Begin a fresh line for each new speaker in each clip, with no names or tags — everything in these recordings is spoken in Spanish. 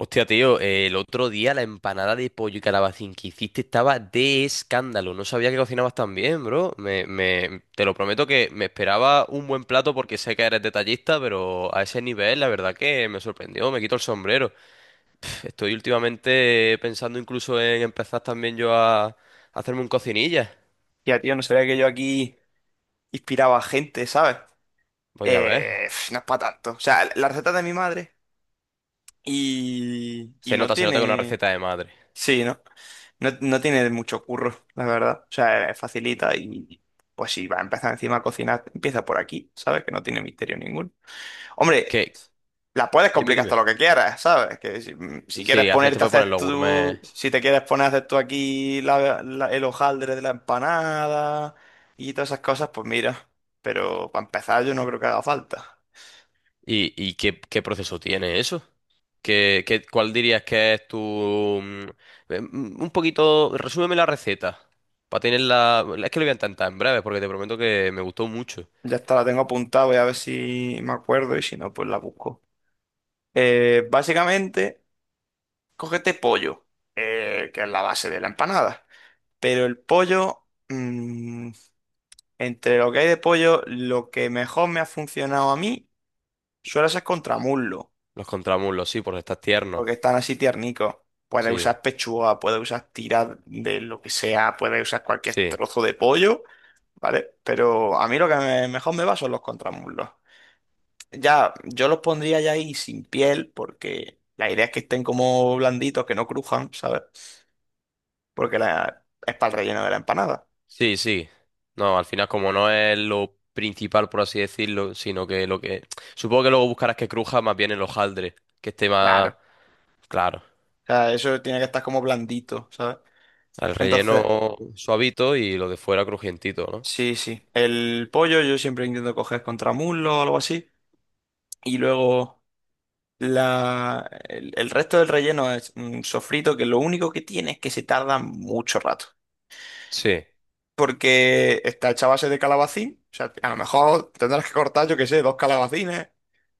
Hostia, tío, el otro día la empanada de pollo y calabacín que hiciste estaba de escándalo. No sabía que cocinabas tan bien, bro. Te lo prometo que me esperaba un buen plato porque sé que eres detallista, pero a ese nivel la verdad que me sorprendió, me quito el sombrero. Estoy últimamente pensando incluso en empezar también yo a hacerme un cocinilla.
Ya, tío, no sabía que yo aquí inspiraba a gente, ¿sabes?
Pues ya ves.
No es para tanto. O sea, la receta de mi madre y no
Se nota que es una
tiene...
receta de madre.
Sí, ¿no? ¿No? No tiene mucho curro, la verdad. O sea, es facilita y pues si va a empezar encima a cocinar, empieza por aquí, ¿sabes? Que no tiene misterio ninguno. Hombre,
¿Qué?
la puedes
Dime,
complicar hasta
dime.
lo que quieras, ¿sabes? Que si, si quieres
Sí, al final te
ponerte a
puedes poner
hacer
los gourmet.
tú, si te quieres poner a hacer tú aquí el hojaldre de la empanada y todas esas cosas, pues mira. Pero para empezar yo no creo que haga falta.
¿Y, qué proceso tiene eso? ¿ Cuál dirías que es tu... un poquito, resúmeme la receta. Para tenerla... Es que lo voy a intentar en breve porque te prometo que me gustó mucho.
Ya está, la tengo apuntada, voy a ver si me acuerdo y si no, pues la busco. Básicamente, cógete pollo, que es la base de la empanada. Pero el pollo, entre lo que hay de pollo, lo que mejor me ha funcionado a mí suele ser contramullo,
Los contramuslos, sí, porque estás tierno.
porque están así tiernicos. Puedes
Sí,
usar pechuga, puedes usar tiras de lo que sea, puedes usar cualquier
sí,
trozo de pollo, ¿vale? Pero a mí lo que mejor me va son los contramuslos. Ya, yo los pondría ya ahí sin piel, porque la idea es que estén como blanditos, que no crujan, ¿sabes? Porque la, es para el relleno de la empanada.
sí, sí. No, al final como no es lo principal, por así decirlo, sino que lo que... Supongo que luego buscarás que cruja más bien el hojaldre, que esté
Claro.
más...
O
Claro,
sea, eso tiene que estar como blandito, ¿sabes?
el
Entonces,
relleno suavito y lo de fuera crujientito, ¿no?
sí, sí. El pollo yo siempre intento coger contramuslo o algo así. Y luego. El resto del relleno es un sofrito que lo único que tiene es que se tarda mucho rato.
Sí.
Porque está hecha a base de calabacín. O sea, a lo mejor tendrás que cortar, yo qué sé, dos calabacines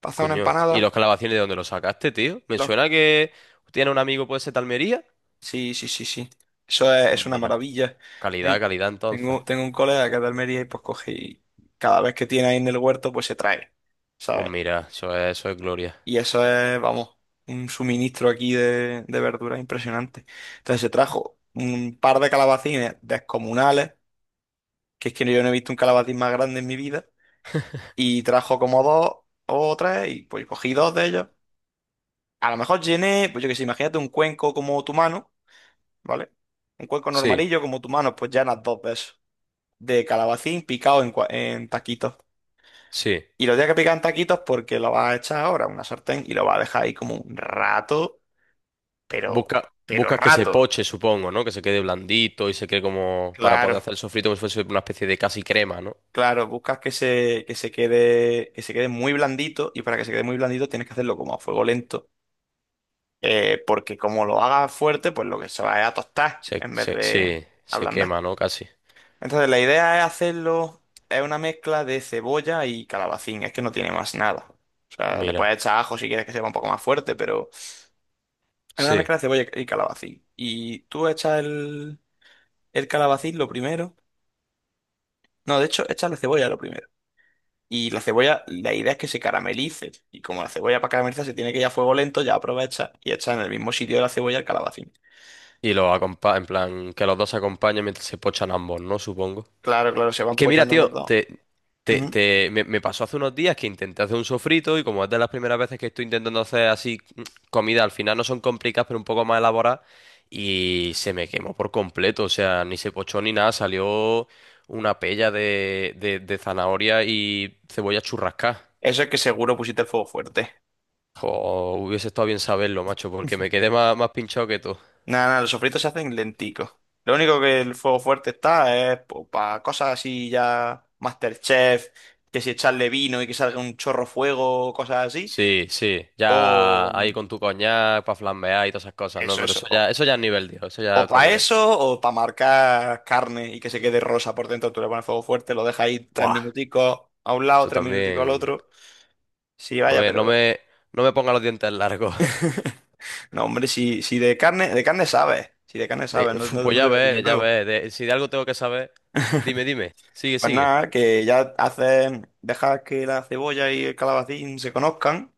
para hacer una
Coño. ¿Y
empanada.
los calabacines de dónde los sacaste, tío? Me
Los-
suena que tiene un amigo, puede ser de Almería.
Sí, sí, sí, sí. Eso
Pues
es una
mira.
maravilla.
Calidad,
Ten-
calidad entonces.
tengo un colega que es de Almería y pues coge y cada vez que tiene ahí en el huerto, pues se trae.
Pues
¿Sabes?
mira, eso es gloria.
Y eso es, vamos, un suministro aquí de verduras impresionante. Entonces se trajo un par de calabacines descomunales, que es que yo no he visto un calabacín más grande en mi vida, y trajo como dos o tres, y pues cogí dos de ellos. A lo mejor llené, pues yo qué sé, imagínate un cuenco como tu mano, ¿vale? Un cuenco
Sí,
normalillo como tu mano, pues llenas dos de esos, de calabacín picado en, en taquitos.
sí.
Y lo tienes que picar en taquitos porque lo vas a echar ahora a una sartén y lo vas a dejar ahí como un rato pero,
Busca,
pero
buscas que se
rato.
poche, supongo, ¿no? Que se quede blandito y se quede como para
Claro,
poder hacer el sofrito como si fuese una especie de casi crema, ¿no?
claro, buscas que se quede muy blandito y para que se quede muy blandito tienes que hacerlo como a fuego lento, porque como lo hagas fuerte, pues lo que se va es a tostar en vez de
Sí, se
ablandar.
quema, ¿no? Casi.
Entonces la idea es hacerlo, es una mezcla de cebolla y calabacín, es que no tiene más nada. O sea, le
Mira.
puedes echar ajo si quieres que sepa un poco más fuerte, pero es una
Sí.
mezcla de cebolla y calabacín. Y tú echas el calabacín lo primero. No, de hecho, echas la cebolla lo primero. Y la cebolla, la idea es que se caramelice. Y como la cebolla para caramelizar se tiene que ir a fuego lento, ya aprovecha y echa en el mismo sitio de la cebolla el calabacín.
Y los acompa en plan, que los dos se acompañen mientras se pochan ambos, ¿no? Supongo.
Claro, claro, se
Es
van
que mira,
pochando los
tío,
dos. Ujú.
me pasó hace unos días que intenté hacer un sofrito y como es de las primeras veces que estoy intentando hacer así comida, al final no son complicadas, pero un poco más elaboradas, y se me quemó por completo, o sea, ni se pochó ni nada, salió una pella de zanahoria y cebolla churrascada.
Eso es que seguro pusiste el fuego fuerte.
Jo, hubiese estado bien saberlo, macho, porque me quedé más, más pinchado que tú.
Nada, nada, los sofritos se hacen lenticos. Lo único que el fuego fuerte está es para cosas así ya MasterChef, que si echarle vino y que salga un chorro fuego, cosas así.
Sí, sí, ya ahí
O
con tu coñac para flambear y todas esas cosas, ¿no?
eso,
Pero
eso.
eso ya es nivel, tío, eso ya
O
es otro
para
nivel.
eso, o para marcar carne y que se quede rosa por dentro, tú le pones fuego fuerte, lo dejas ahí tres
¡Buah!
minuticos a un lado,
Eso
tres minuticos al
también.
otro. Sí,
No
vaya,
me, no
pero...
me, no me ponga los dientes largos.
No, hombre, si, si de carne, de carne sabes, si de carne
De-
sabes, no,
uf,
no,
pues
no te
ya
voy a decir nada
ves, ya
nuevo.
ves. De- si de algo tengo que saber, dime, dime. Sigue,
Pues
sigue.
nada, que ya haces, dejas que la cebolla y el calabacín se conozcan,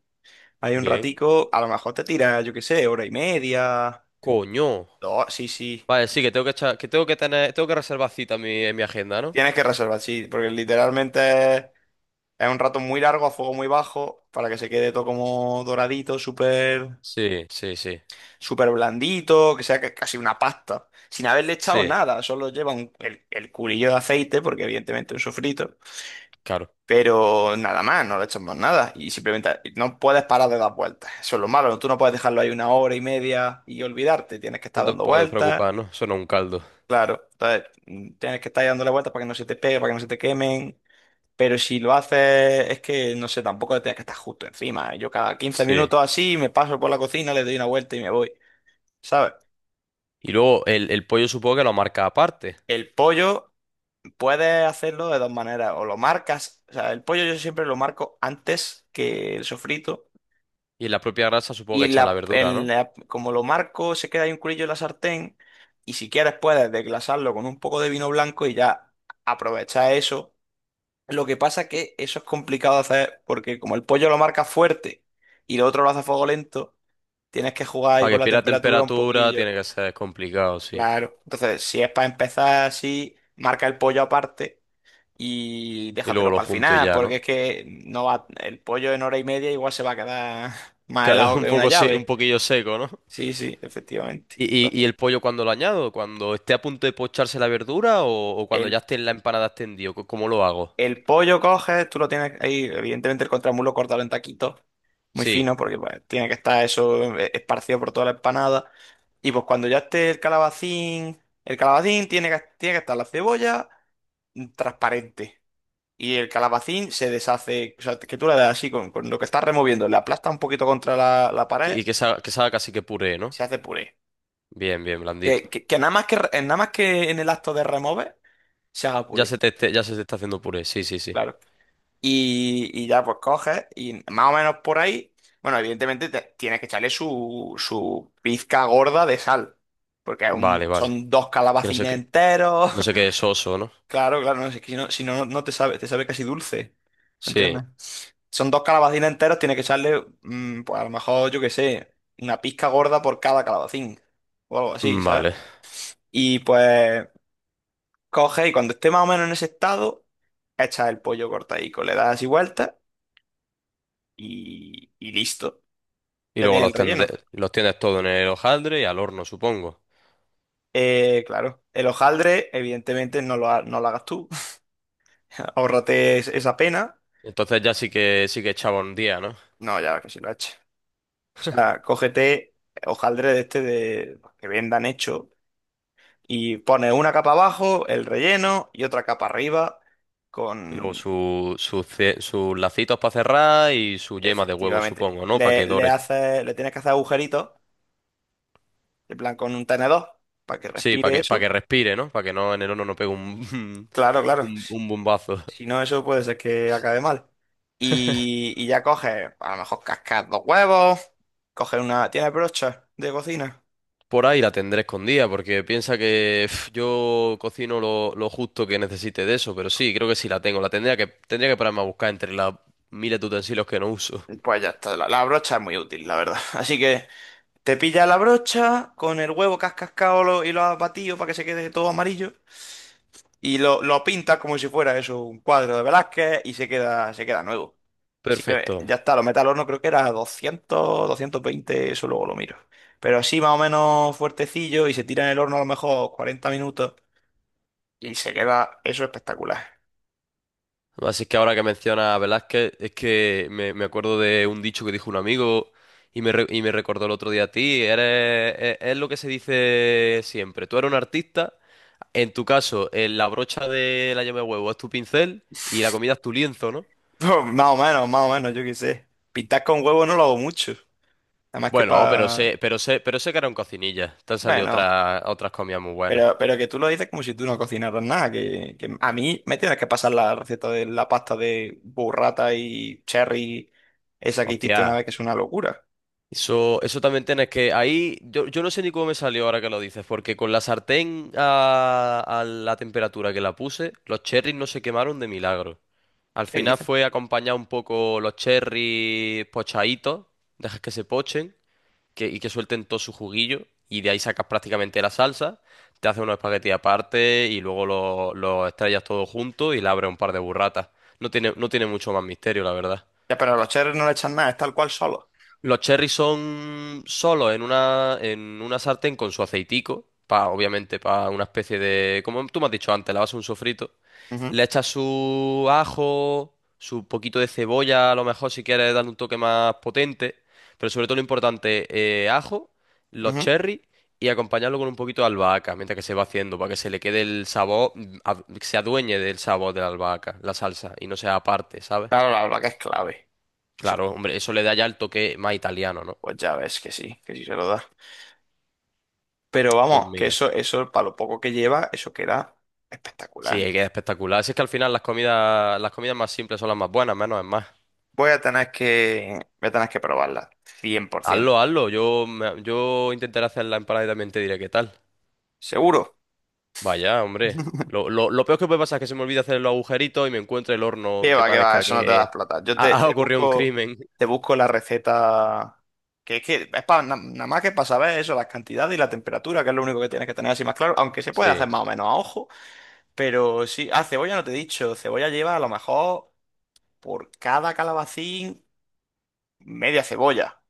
hay un
Bien.
ratico, a lo mejor te tiras, yo qué sé, hora y media,
Coño.
dos, sí, sí.
Vale, sí, que tengo que echar- que tengo que tener, tengo que reservar cita en mi agenda, ¿no?
Tienes que reservar, sí, porque literalmente es un rato muy largo, a fuego muy bajo, para que se quede todo como doradito, súper,
Sí, sí, sí.
súper blandito, que sea casi una pasta. Sin haberle echado
Sí,
nada, solo lleva el culillo de aceite, porque evidentemente es un sofrito.
claro.
Pero nada más, no le echas más nada. Y simplemente no puedes parar de dar vueltas. Eso es lo malo, tú no puedes dejarlo ahí una hora y media y olvidarte. Tienes que
No
estar
te
dando
puedes
vueltas.
preocupar, ¿no? Eso no es un caldo.
Claro, entonces tienes que estar ahí dándole vueltas para que no se te pegue, para que no se te quemen. Pero si lo haces, es que no sé, tampoco te tienes que estar justo encima. Yo cada quince
Sí.
minutos así me paso por la cocina, le doy una vuelta y me voy. ¿Sabes?
Y luego el pollo supongo que lo marca aparte.
El pollo puedes hacerlo de dos maneras. O lo marcas, o sea, el pollo yo siempre lo marco antes que el sofrito.
Y en la propia grasa supongo
Y
que
en
echar la verdura, ¿no?
como lo marco, se queda ahí un culillo en la sartén. Y si quieres, puedes desglasarlo con un poco de vino blanco y ya aprovechar eso. Lo que pasa que eso es complicado de hacer porque como el pollo lo marca fuerte y lo otro lo hace a fuego lento. Tienes que jugar ahí
Para
con
que
la
pierda
temperatura un
temperatura tiene
poquillo.
que ser complicado, sí.
Claro. Entonces, si es para empezar así, marca el pollo aparte y
Y luego
déjatelo
lo
para el
junto y
final,
ya, ¿no?
porque es que no va, el pollo en hora y media igual se va a quedar más
Claro,
helado
un
que una
poco, se- un
llave.
poquillo seco, ¿no?
Sí, sí, efectivamente.
¿Y, y
Entonces,
el pollo cuando lo añado? ¿Cuando esté a punto de pocharse la verdura o cuando ya
el,
esté en la empanada extendido? Co- ¿Cómo lo hago?
el pollo coges, tú lo tienes ahí, evidentemente el contramulo cortado en taquitos, muy
Sí,
fino, porque pues, tiene que estar eso esparcido por toda la empanada. Y pues cuando ya esté el calabacín tiene que estar la cebolla transparente. Y el calabacín se deshace, o sea, que tú le das así con lo que estás removiendo, le aplastas un poquito contra la
sí,
pared,
y que salga casi que puré, ¿no?
se hace puré.
Bien, bien, blandito.
Que nada más que, nada más que en el acto de remover, se haga
Ya
puré,
se te, esté- ya se te está haciendo puré, sí, sí, sí.
claro. Y ya pues coges y más o menos por ahí, bueno, evidentemente tienes que echarle su, su pizca gorda de sal, porque es
Vale, vale.
son dos
Que no sé
calabacines
qué,
enteros.
no sé qué es soso, ¿no?
Claro, claro, no, si es que si no, si no, no te sabe, te sabe casi dulce,
Sí,
¿entiendes? Son dos calabacines enteros, tiene que echarle, pues a lo mejor, yo qué sé, una pizca gorda por cada calabacín, o algo así, ¿sabes?
vale.
Y pues coge y cuando esté más o menos en ese estado, echa el pollo cortadico, le das así vuelta y listo,
Y
ya
luego
tienes
los,
el relleno.
tende- los tienes todo en el hojaldre y al horno, supongo.
Claro, el hojaldre, evidentemente, no lo, no lo hagas tú, ahórrate esa pena,
Entonces ya sí que echaba un día, ¿no?
no, ya que si lo eches. O sea, cógete hojaldre de este de que vendan hecho y pones una capa abajo, el relleno y otra capa arriba
Y luego
con...
su, su ce- sus lacitos para cerrar y su yema de huevo,
Efectivamente.
supongo, ¿no? Para que dore.
Le tienes que hacer agujeritos, en plan con un tenedor, para que
Sí,
respire
para que
eso.
respire, ¿no? Para que no en el horno no pegue un,
Claro, claro.
un bombazo.
Si no, eso puede ser que acabe mal. Y ya coges, a lo mejor cascas dos huevos, coges una... ¿Tienes brocha de cocina?
Por ahí la tendré escondida, porque piensa que pf, yo cocino lo justo que necesite de eso, pero sí, creo que sí la tengo. La tendría que pararme a buscar entre las miles de utensilios que no uso.
Pues ya está, la brocha es muy útil, la verdad. Así que te pilla la brocha con el huevo que has cascado y lo has batido para que se quede todo amarillo. Y lo pintas como si fuera eso, un cuadro de Velázquez y se queda nuevo.
Perfecto.
Ya está, lo metes al horno, creo que era 200, 220, eso luego lo miro. Pero así más o menos fuertecillo y se tira en el horno a lo mejor 40 minutos y se queda eso espectacular.
Además, es que ahora que menciona a Velázquez, es que me acuerdo de un dicho que dijo un amigo y me, re- y me recordó el otro día a ti. Eres, es lo que se dice siempre. Tú eres un artista, en tu caso, la brocha de la llama de huevo es tu pincel y la comida es tu lienzo, ¿no?
Más o menos, yo qué sé. Pintar con huevo no lo hago mucho. Además que
Bueno, pero
para...
sé, pero sé, pero sé que era un cocinilla. Te han salido
Bueno.
otras, otras comidas muy buenas.
Pero que tú lo dices como si tú no cocinaras nada, que a mí me tienes que pasar la receta de la pasta de burrata y cherry, esa que hiciste una
Hostia.
vez, que es una locura.
Eso también tienes que. Ahí, yo no sé ni cómo me salió ahora que lo dices, porque con la sartén a la temperatura que la puse, los cherries no se quemaron de milagro. Al
¿Qué
final
dices?
fue acompañar un poco los cherries pochaditos, dejas que se pochen que, y que suelten todo su juguillo, y de ahí sacas prácticamente la salsa, te haces unos espaguetis aparte y luego los estrellas todo junto y le abres un par de burratas. No tiene, no tiene mucho más misterio, la verdad.
Ya, pero a los cherry no le echan nada, es tal cual solo.
Los cherries son solos en una sartén con su aceitico, pa, obviamente para una especie de, como tú me has dicho antes, la base de un sofrito.
Ujú,
Le echas su ajo, su poquito de cebolla, a lo mejor si quieres darle un toque más potente, pero sobre todo lo importante, ajo, los
ujú.
cherries y acompañarlo con un poquito de albahaca mientras que se va haciendo, para que se le quede el sabor, ad- que se adueñe del sabor de la albahaca, la salsa, y no sea aparte, ¿sabes?
Claro, la verdad que es clave. Eso,
Claro, hombre, eso le da ya el toque más italiano, ¿no?
pues ya ves que sí se lo da. Pero
Pues
vamos, que
mira.
eso, para lo poco que lleva, eso queda
Sí,
espectacular.
es que es espectacular. Si es que al final las comidas más simples son las más buenas, menos es más.
Voy a tener que probarla, 100%.
Hazlo, hazlo. Yo, me- yo intentaré hacer la empanada y también te diré qué tal.
Seguro.
Vaya, hombre. Lo peor que puede pasar es que se me olvide hacer los agujeritos y me encuentre el horno que
Qué va,
parezca
eso no te da
que
plata.
ha, ha ocurrido un crimen.
Te busco la receta. Que es para nada más que para saber eso, las cantidades y la temperatura, que es lo único que tienes que tener así más claro. Aunque se puede hacer
Sí,
más o menos a ojo, pero sí. Ah, cebolla no te he dicho. Cebolla lleva a lo mejor por cada calabacín media cebolla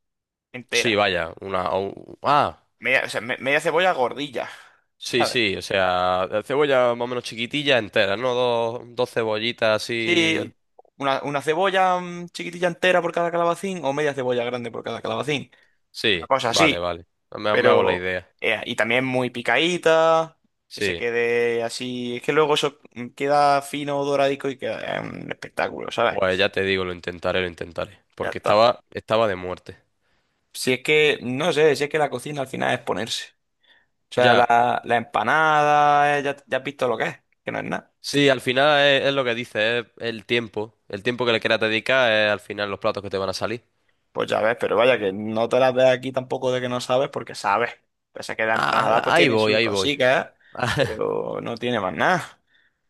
sí,
entera.
vaya. Una. O- ah,
Media, o sea, media cebolla gordilla,
sí,
¿sabes?
sí. O sea, cebolla más o menos chiquitilla entera, ¿no? Dos, dos cebollitas
Sí,
así.
una cebolla chiquitilla entera por cada calabacín o media cebolla grande por cada calabacín. Una
Sí,
cosa
vale,
así.
vale. Me me hago la
Pero
idea.
y también muy picadita, que se
Sí.
quede así, es que luego eso queda fino, doradico y queda un espectáculo,
Pues
¿sabes?
ya te digo, lo intentaré, lo intentaré.
Ya
Porque
está.
estaba, estaba de muerte.
Si es que, no sé, si es que la cocina al final es ponerse. O sea,
Ya.
la empanada, ya, ya has visto lo que es, que no es nada.
Sí, al final es lo que dice, es el tiempo. El tiempo que le quieras dedicar es al final los platos que te van a salir.
Pues ya ves, pero vaya que no te las ves aquí tampoco de que no sabes, porque sabes. Pese a que la empanada
Ah,
pues
ahí
tiene
voy,
sus
ahí voy.
cositas, pero no tiene más nada.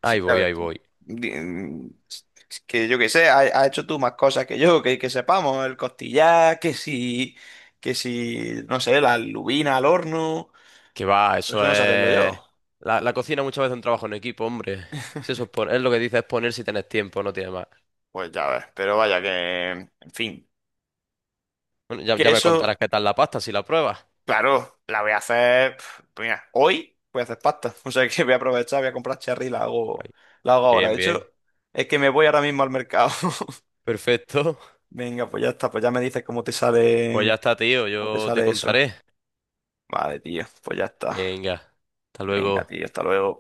Ahí
Sí, a
voy,
ver,
ahí voy.
di- mm, s- que yo que sé, ha hecho tú más cosas que yo, que sepamos, el costillar, que si, no sé, la lubina al horno,
Que va,
pero eso
eso
no sé hacerlo
es...
yo.
La cocina muchas veces es un trabajo en equipo, hombre. Si eso es, pon- es lo que dice, es poner si tienes tiempo, no tienes más.
Pues ya ves, pero vaya que, en fin,
Bueno, ya,
que
ya me contarás
eso,
qué tal la pasta si la pruebas.
claro, la voy a hacer, pf, pues mira, hoy voy a hacer pasta, o sea que voy a aprovechar, voy a comprar cherry y
Ahí.
la hago ahora.
Bien,
De
bien.
hecho, es que me voy ahora mismo al mercado.
Perfecto.
Venga, pues ya está, pues ya me dices
Pues ya está, tío.
cómo te
Yo te
sale eso.
contaré.
Vale, tío, pues ya está.
Venga. Hasta
Venga,
luego.
tío, hasta luego.